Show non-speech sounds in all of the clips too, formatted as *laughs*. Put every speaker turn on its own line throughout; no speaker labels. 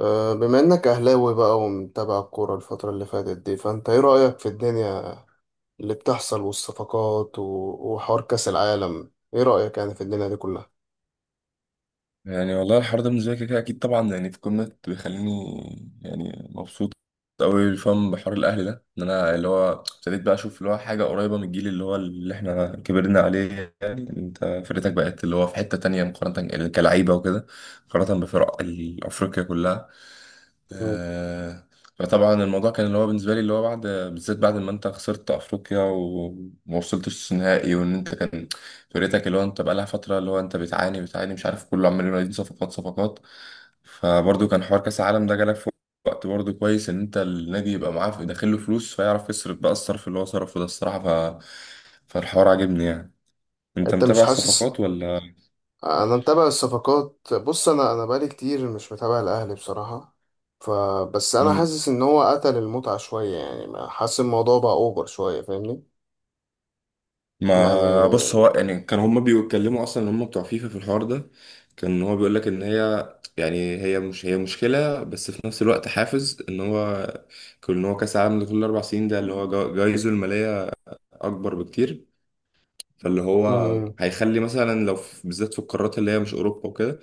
بما انك اهلاوي بقى ومتابع الكوره الفتره اللي فاتت دي، فانت ايه رايك في الدنيا اللي بتحصل والصفقات وحوار كاس العالم؟ ايه رايك يعني في الدنيا دي كلها؟
يعني والله الحوار ده بالنسبة لي كده كده أكيد طبعا، يعني في قمة بيخليني يعني مبسوط أوي. فاهم بحوار الأهل ده، إن أنا اللي هو ابتديت بقى أشوف اللي هو حاجة قريبة من الجيل اللي هو اللي إحنا كبرنا عليه. يعني أنت فرقتك بقت اللي هو في حتة تانية، مقارنة كلعيبة وكده، مقارنة بفرق أفريقيا كلها،
مم.
آه. فطبعا الموضوع كان اللي هو بالنسبه لي اللي هو بعد، بالذات بعد ما انت خسرت افريقيا وما وصلتش نهائي، وان انت كان فرقتك اللي هو انت بقى لها فتره اللي هو انت بتعاني بتعاني، مش عارف، كله عمال ينادي صفقات صفقات. فبرضه كان حوار كاس العالم ده جالك في وقت برضه كويس، ان انت النادي يبقى معاه داخل له فلوس، فيعرف يصرف بقى الصرف اللي هو صرفه ده الصراحه، فالحوار عاجبني يعني. انت
انت مش
متابع
حاسس؟
الصفقات ولا؟
انا متابع الصفقات. بص، انا بقالي كتير مش متابع الاهلي بصراحه، فبس انا حاسس ان هو قتل المتعه شويه. يعني حاسس الموضوع بقى اوفر شويه، فاهمني؟
ما بص،
يعني
هو يعني كان هما بيتكلموا اصلا ان هما بتوع فيفا في الحوار ده، كان هو بيقول لك ان هي، يعني هي مش هي مشكله، بس في نفس الوقت حافز، ان هو كل ان هو كاس العالم لكل 4 سنين ده اللي هو جايزه الماليه اكبر بكتير. فاللي هو
امم
هيخلي مثلا، لو بالذات في القارات اللي هي مش اوروبا وكده،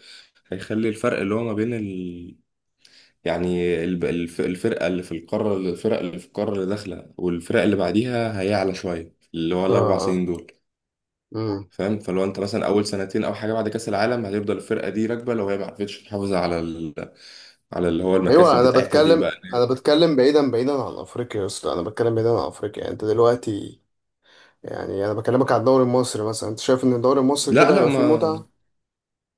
هيخلي الفرق اللي هو ما بين ال، يعني الفرقه اللي في القاره، الفرق اللي في القاره اللي داخله والفرق اللي بعديها هيعلى شويه اللي هو ال4 سنين
اه
دول.
امم
فاهم، فلو انت مثلا اول سنتين او حاجه بعد كاس العالم هتفضل الفرقه دي راكبه، لو هي ما عرفتش تحافظ على على اللي هو
ايوه،
المكاسب
انا
بتاعتها دي
بتكلم
بقى.
انا بتكلم بعيدا بعيدا عن افريقيا يا اسطى، انا بتكلم بعيدا عن افريقيا. يعني انت دلوقتي، يعني انا بكلمك على الدوري المصري مثلا، انت شايف ان الدوري المصري
لا،
كده
لا،
هيبقى فيه
ما
متعه؟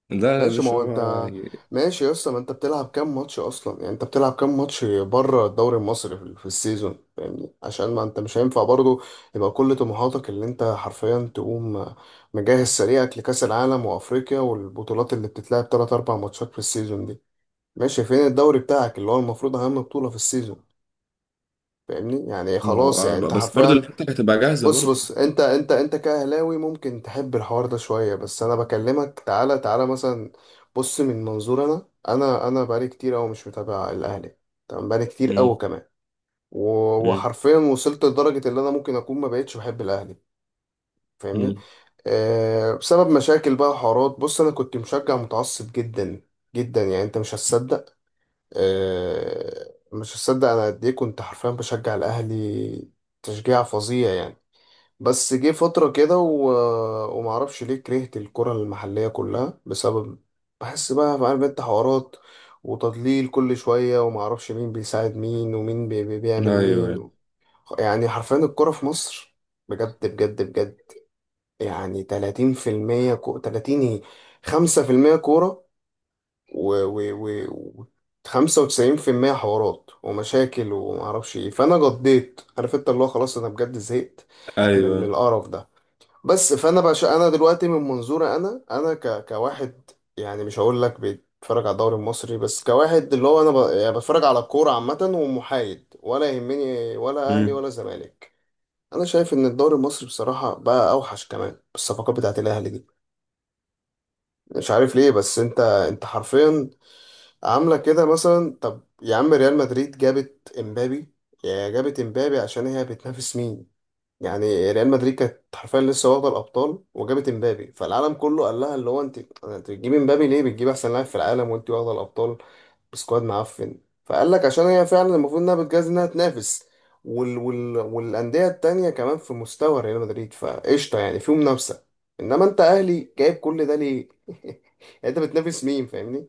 لا، لا يا
ماشي، ما
باشا،
هو انت،
هو يعني،
ماشي يا اسطى، ما انت بتلعب كام ماتش اصلا؟ يعني انت بتلعب كام ماتش بره الدوري المصري في السيزون؟ فاهمني؟ عشان ما انت مش هينفع برضو يبقى كل طموحاتك اللي انت حرفيا تقوم مجهز سريعك لكاس العالم وافريقيا والبطولات اللي بتتلعب 3 4 ماتشات في السيزون دي. ماشي، فين الدوري بتاعك اللي هو المفروض اهم بطوله في السيزون؟ فاهمني يعني،
ما
خلاص يعني
هو
انت
بس برضه
حرفيا.
الانتر هتبقى جاهزه
بص
برضه.
بص انت كاهلاوي ممكن تحب الحوار ده شويه، بس انا بكلمك. تعالى تعالى مثلا، بص من منظور، انا بقالي كتير قوي مش متابع الاهلي، تمام؟ بقالي كتير قوي
امم.
كمان.
امم.
وحرفيا وصلت لدرجه ان انا ممكن اكون ما بقتش بحب الاهلي، فاهمني؟
امم.
آه، بسبب مشاكل بقى وحوارات. بص، انا كنت مشجع متعصب جدا جدا، يعني انت مش هتصدق. آه، مش هصدق انا قد ايه كنت حرفيا بشجع الاهلي تشجيع فظيع يعني. بس جه فترة كده ومعرفش ليه كرهت الكرة المحلية كلها بسبب، بحس بقى، عارف انت، حوارات وتضليل كل شوية، ومعرفش مين بيساعد مين ومين بيعمل
ايوه.
مين. يعني حرفيا الكرة في مصر بجد بجد بجد يعني 30%، 30 ايه، 5% كورة و و و 95% حوارات ومشاكل ومعرفش ايه. فانا قضيت، عارف انت، اللي هو خلاص انا بجد زهقت من
ايوه.
القرف ده. بس فانا بقى انا دلوقتي من منظوري، انا انا كواحد، يعني مش هقول لك بيتفرج على الدوري المصري، بس كواحد اللي هو انا يعني بتفرج على الكوره عامه ومحايد، ولا يهمني ولا اهلي
امم.
ولا زمالك. انا شايف ان الدوري المصري بصراحه بقى اوحش كمان بالصفقات بتاعت الاهلي دي، مش عارف ليه. بس انت حرفيا عاملة كده مثلا. طب يا عم، ريال مدريد جابت امبابي، يا جابت امبابي، عشان هي بتنافس مين؟ يعني ريال مدريد كانت حرفيا لسه واخدة الأبطال وجابت امبابي، فالعالم كله قال لها اللي هو انت، انت بتجيبي امبابي ليه؟ بتجيب احسن لاعب في العالم وانت واخدة الأبطال بسكواد معفن. فقال لك عشان هي فعلا المفروض انها بتجهز انها تنافس، والأندية التانية كمان في مستوى ريال مدريد، فقشطة يعني في منافسة. انما انت اهلي، جايب كل ده ليه؟ *laughs* يعني انت بتنافس مين، فاهمني؟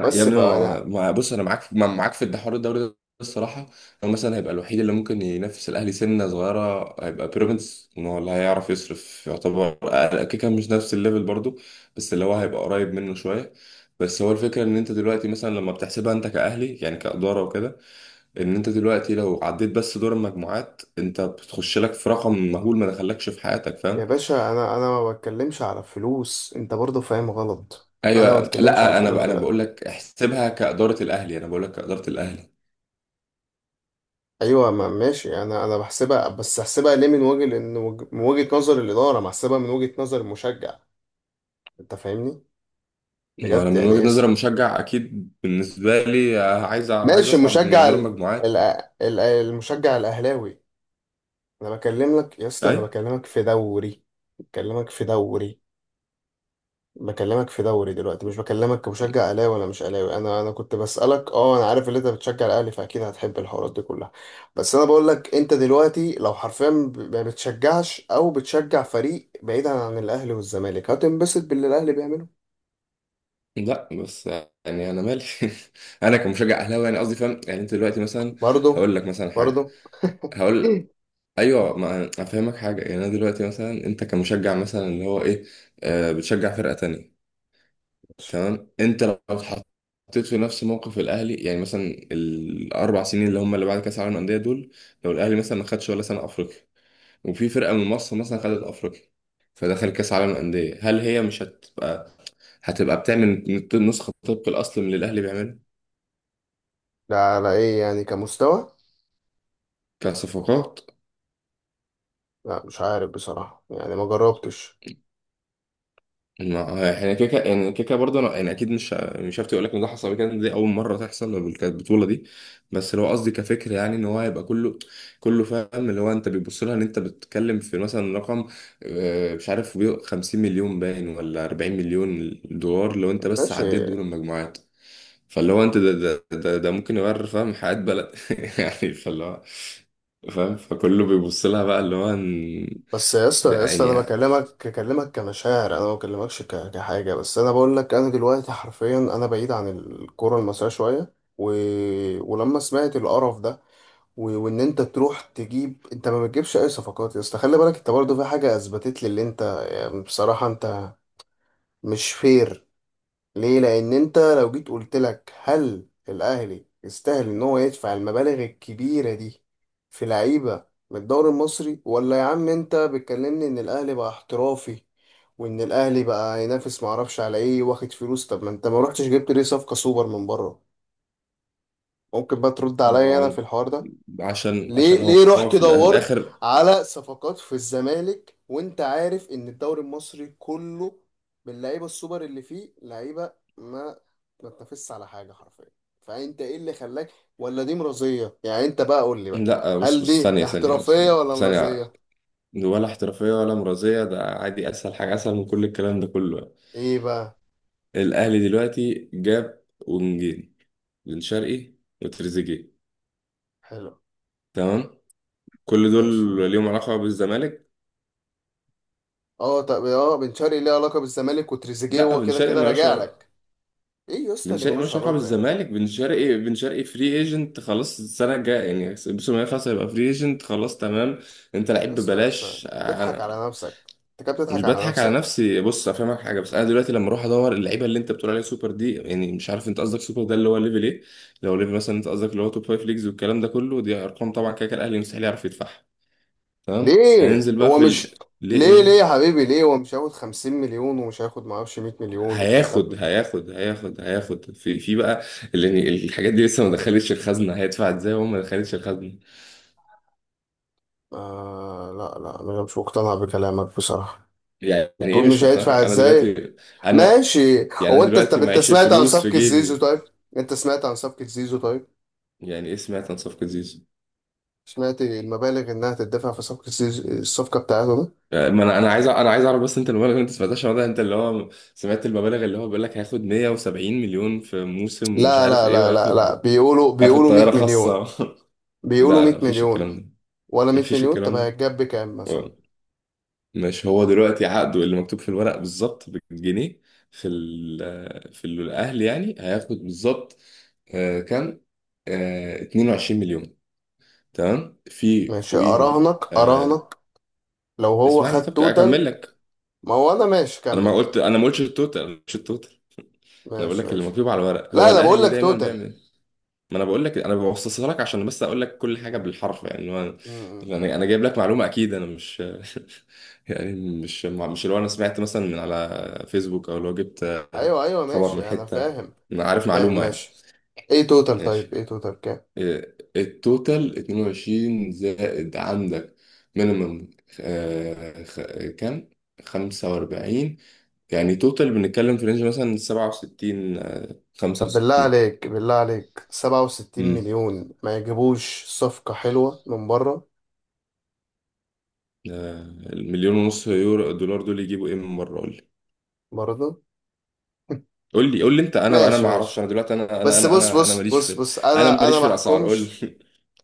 يا
بس
ابني،
فانا،
بص، انا معاك، معاك في الحوار الدوري ده الصراحه. هو مثلا هيبقى الوحيد اللي ممكن ينافس الاهلي سنه صغيره، هيبقى بيراميدز، ان هو اللي هيعرف يصرف، يعتبر كده كده مش نفس الليفل برضو، بس اللي هو هيبقى قريب منه شويه. بس هو الفكره، ان انت دلوقتي مثلا لما بتحسبها انت كاهلي، يعني كاداره وكده، ان انت دلوقتي لو عديت بس دور المجموعات انت بتخش لك في رقم مهول ما دخلكش في حياتك،
يا
فاهم.
باشا، انا ما بتكلمش على فلوس، انت برضه فاهم غلط. انا ما
ايوه،
بتكلمش على
لا،
الفلوس
انا بقول
دلوقتي.
لك احسبها كاداره الاهلي، انا بقول لك كاداره الاهلي.
ايوه ما ماشي، انا بحسبها، بس هحسبها ليه من وجه لان من وجهة نظر الاداره؟ ما هحسبها من وجهة نظر المشجع، انت فاهمني؟
ما انا
بجد
من
يعني ايه
وجهة نظري مشجع، اكيد بالنسبه لي عايز، عايز
ماشي.
اصعد من
المشجع
دور
ال...
المجموعات.
ال... ال... المشجع الاهلاوي، انا بكلم لك يا اسطى،
اي.
انا بكلمك في دوري، بكلمك في دوري بكلمك في دوري دلوقتي، مش بكلمك كمشجع اهلاوي ولا مش اهلاوي. انا كنت بسالك، اه انا عارف ان انت بتشجع الاهلي، فاكيد هتحب الحوارات دي كلها، بس انا بقول لك انت دلوقتي لو حرفيا ما بتشجعش او بتشجع فريق بعيدا عن الاهلي والزمالك، هتنبسط باللي الاهلي بيعمله.
لا، بس يعني انا مالي *laughs* انا كمشجع اهلاوي يعني قصدي، فاهم، يعني انت دلوقتي مثلا،
برضه.
هقول لك مثلا حاجه،
برضه.
هقول.
*laughs*
ايوه، ما افهمك حاجه، يعني انا دلوقتي مثلا انت كمشجع مثلا اللي هو ايه، آه بتشجع فرقه تانية. تمام، انت لو اتحطيت في نفس موقف الاهلي، يعني مثلا ال4 سنين اللي هم اللي بعد كاس العالم للانديه دول، لو الاهلي مثلا ما خدش ولا سنه افريقيا، وفي فرقة من مصر مثلا خدت أفريقيا فدخل كأس عالم الأندية، هل هي مش هتبقى بتعمل نسخة طبق الأصل من اللي الأهلي بيعمله؟
لا، على ايه يعني؟ كمستوى؟
كصفقات؟
لا مش عارف بصراحه، يعني ما جربتش.
ما احنا يعني كده كده برضه انا، يعني اكيد مش هفتي اقول لك ان ده حصل قبل كده، دي اول مره تحصل البطوله دي. بس لو قصدي كفكر يعني، ان هو هيبقى كله كله، فاهم، اللي هو انت بتبص لها ان انت بتتكلم في مثلا رقم، مش عارف، 50 مليون باين، ولا 40 مليون دولار لو انت بس
ماشي.
عديت دور المجموعات. فاللي هو انت ده ممكن يغير، فاهم، حياة بلد *laughs* يعني. فاللي هو، فاهم، فكله بيبص لها بقى اللي هو
بس يا اسطى، يا اسطى، انا
يعني،
بكلمك، بكلمك كمشاعر، انا ما بكلمكش كحاجه. بس انا بقول لك انا دلوقتي حرفيا انا بعيد عن الكوره المصريه شويه، و... ولما سمعت القرف ده، وان انت تروح تجيب، انت ما بتجيبش اي صفقات يا اسطى. خلي بالك، انت برضه في حاجه اثبتت لي اللي انت، يعني بصراحه، انت مش فير. ليه؟ لان انت لو جيت قلت لك هل الاهلي يستاهل ان هو يدفع المبالغ الكبيره دي في لعيبه من الدوري المصري؟ ولا يا عم، انت بتكلمني ان الاهلي بقى احترافي وان الاهلي بقى ينافس معرفش على ايه، واخد فلوس. طب ما انت ما رحتش جبت ليه صفقه سوبر من بره؟ ممكن بقى ترد
ما
عليا انا
هو،
في الحوار ده؟
عشان
ليه؟
عشان
ليه
هو
رحت
في
دورت
الآخر.
على صفقات في الزمالك وانت عارف ان الدوري المصري كله باللعيبه السوبر، اللي فيه لعيبه ما تنافسش على حاجه حرفيا؟ فانت ايه اللي خلاك؟ ولا دي مرضيه؟ يعني انت بقى قول لي بقى،
لا، بص
هل
بص
دي
ثانية ثانية بص
احترافيه ولا
ثانية،
مرضيه؟
ولا احترافية ولا مرضية، ده عادي، أسهل حاجة، أسهل من كل الكلام ده كله.
ايه بقى؟
الأهلي دلوقتي جاب ونجيل، بن شرقي، وتريزيجيه،
حلو.
تمام، كل
ماشي.
دول ليهم علاقة بالزمالك؟
اه طب، اه بن شرقي ليه علاقه بالزمالك؟ وتريزيجيه
لا،
هو
بن
كده
شرقي
كده
مالوش،
راجع لك. ايه يا اسطى
بن
اللي
شرقي
ملوش
ملوش علاقة
علاقه يا عم؟
بالزمالك، بن شرقي، بن شرقي فري ايجنت خلاص السنة الجاية، يعني الموسم اللي خلاص هيبقى فري ايجنت خلاص، تمام، انت
يا
لعيب
اسطى، يا اسطى،
ببلاش
تضحك
أنا.
على نفسك؟ انت كده
مش
بتضحك على
بضحك على
نفسك.
نفسي، بص افهمك حاجة، بس انا دلوقتي لما اروح ادور اللعيبة اللي انت بتقول عليها سوبر دي، يعني مش عارف انت قصدك سوبر ده اللي هو ليفل ايه. لو ليفل مثلا انت قصدك اللي هو توب فايف ليجز والكلام ده كله، دي ارقام طبعا كده كده الاهلي مستحيل يعرف يدفعها. تمام،
ليه
هننزل بقى
هو
في
مش،
ليه؟
ليه ليه يا
ايه؟
حبيبي، ليه هو مش هياخد 50 مليون؟ ومش هياخد معرفش 100 مليون وبتاع؟ طب
هياخد
ليه؟
هياخد هياخد هياخد في بقى، اللي يعني الحاجات دي لسه ما دخلتش الخزنه، هيدفع ازاي وهو ما دخلتش الخزنه؟
آه لا لا، انا مش مقتنع بكلامك بصراحة.
يعني ايه
بتقول
مش
مش
مقتنع،
هيدفع
انا
ازاي؟
دلوقتي انا،
ماشي.
يعني
هو
انا
انت،
دلوقتي
طب انت
معيش
سمعت عن
الفلوس في
صفقة زيزو
جيبي.
طيب؟ انت سمعت عن صفقة زيزو طيب؟
يعني ايه سمعت عن صفقه زيزو؟
سمعت المبالغ انها تدفع في صفقة زيزو، الصفقة بتاعته دي؟
يعني، ما انا عايز انا عايز اعرف، بس انت المبالغ اللي انت سمعتهاش النهارده، انت اللي هو سمعت المبالغ اللي هو بيقول لك هياخد 170 مليون في موسم ومش
لا
عارف
لا
ايه،
لا لا لا،
وهياخد،
بيقولوا،
هياخد
بيقولوا 100
طياره
مليون،
خاصه *laughs*
بيقولوا
لا، لا،
100
مفيش
مليون،
الكلام ده،
ولا 100
مفيش
مليون؟ طب
الكلام
هيتجاب بكام مثلا؟
ده. مش هو دلوقتي عقده اللي مكتوب في الورق بالظبط بالجنيه، في ال في الاهلي، يعني هياخد بالظبط، كام؟ 22 مليون، تمام، في
ماشي،
فوقيهم
اراهنك، اراهنك لو هو
اسمعني،
خد
طب
توتال.
اكمل لك.
ما هو انا ماشي، كمل طيب.
انا ما قلتش التوتال، مش التوتال، انا بقول
ماشي
لك اللي
ماشي.
مكتوب على الورق،
لا
هو
انا بقول
الاهلي
لك
دايما
توتال.
بيعمل. ما انا بقول لك، انا ببسطها لك عشان بس اقول لك كل حاجه بالحرف يعني، هو
م- م.
انا جايب لك معلومه اكيد، انا مش *laughs* يعني، مش مش اللي هو انا سمعت مثلا من على فيسبوك او لو جبت
ايوه ايوه
خبر من
ماشي انا
حته،
فاهم.
انا عارف
فاهم
معلومه يعني.
ماشي. ايه توتال
ماشي.
طيب؟ ايه توتال كام؟
إيه، التوتال 22 زائد عندك، مينيمم كام؟ 45، يعني توتال بنتكلم في رينج مثلا 67
طب بالله
65.
عليك، بالله عليك، 67 مليون ما يجيبوش صفقة حلوة من بره؟
آه، المليون ونص يورو دولار دول يجيبوا ايه من مره، قول لي،
برضه. *laughs*
قول لي، قول لي انت، انا
ماشي
ما اعرفش،
ماشي.
انا دلوقتي انا انا
بس
انا
بص
انا انا
بص
ماليش
بص
في،
بص،
انا
انا
ماليش
انا
في
ما
الاسعار، قول
احكمش.
لي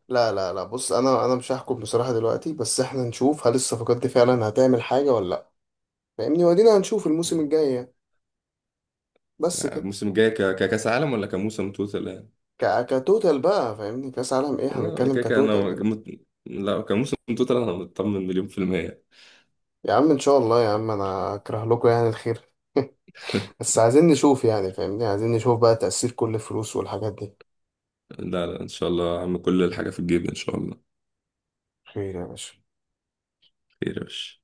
لا لا لا، بص، انا مش هحكم بصراحة دلوقتي، بس احنا نشوف هل الصفقات دي فعلا هتعمل حاجة ولا لا، فاهمني؟ ودينا هنشوف الموسم
*laughs*
الجاي يعني. بس كده.
الموسم الجاي، ككاس عالم ولا كموسم توتال يعني؟
كتوتال بقى، فاهمني؟ كاس عالم ايه؟
لا
هنتكلم
كده انا
كتوتال دلوقتي.
مت... لا كموسم توتال، انا مطمن مليون في المية
يا عم، ان شاء الله يا عم، انا اكره لكم يعني الخير؟ *laughs*
*laughs*
بس عايزين نشوف يعني، فاهمني؟ عايزين نشوف بقى تأثير كل الفلوس والحاجات دي.
لا، لا، ان شاء الله يا عم، كل الحاجة في الجيب ان شاء الله.
خير يا باشا.
خير يا باشا.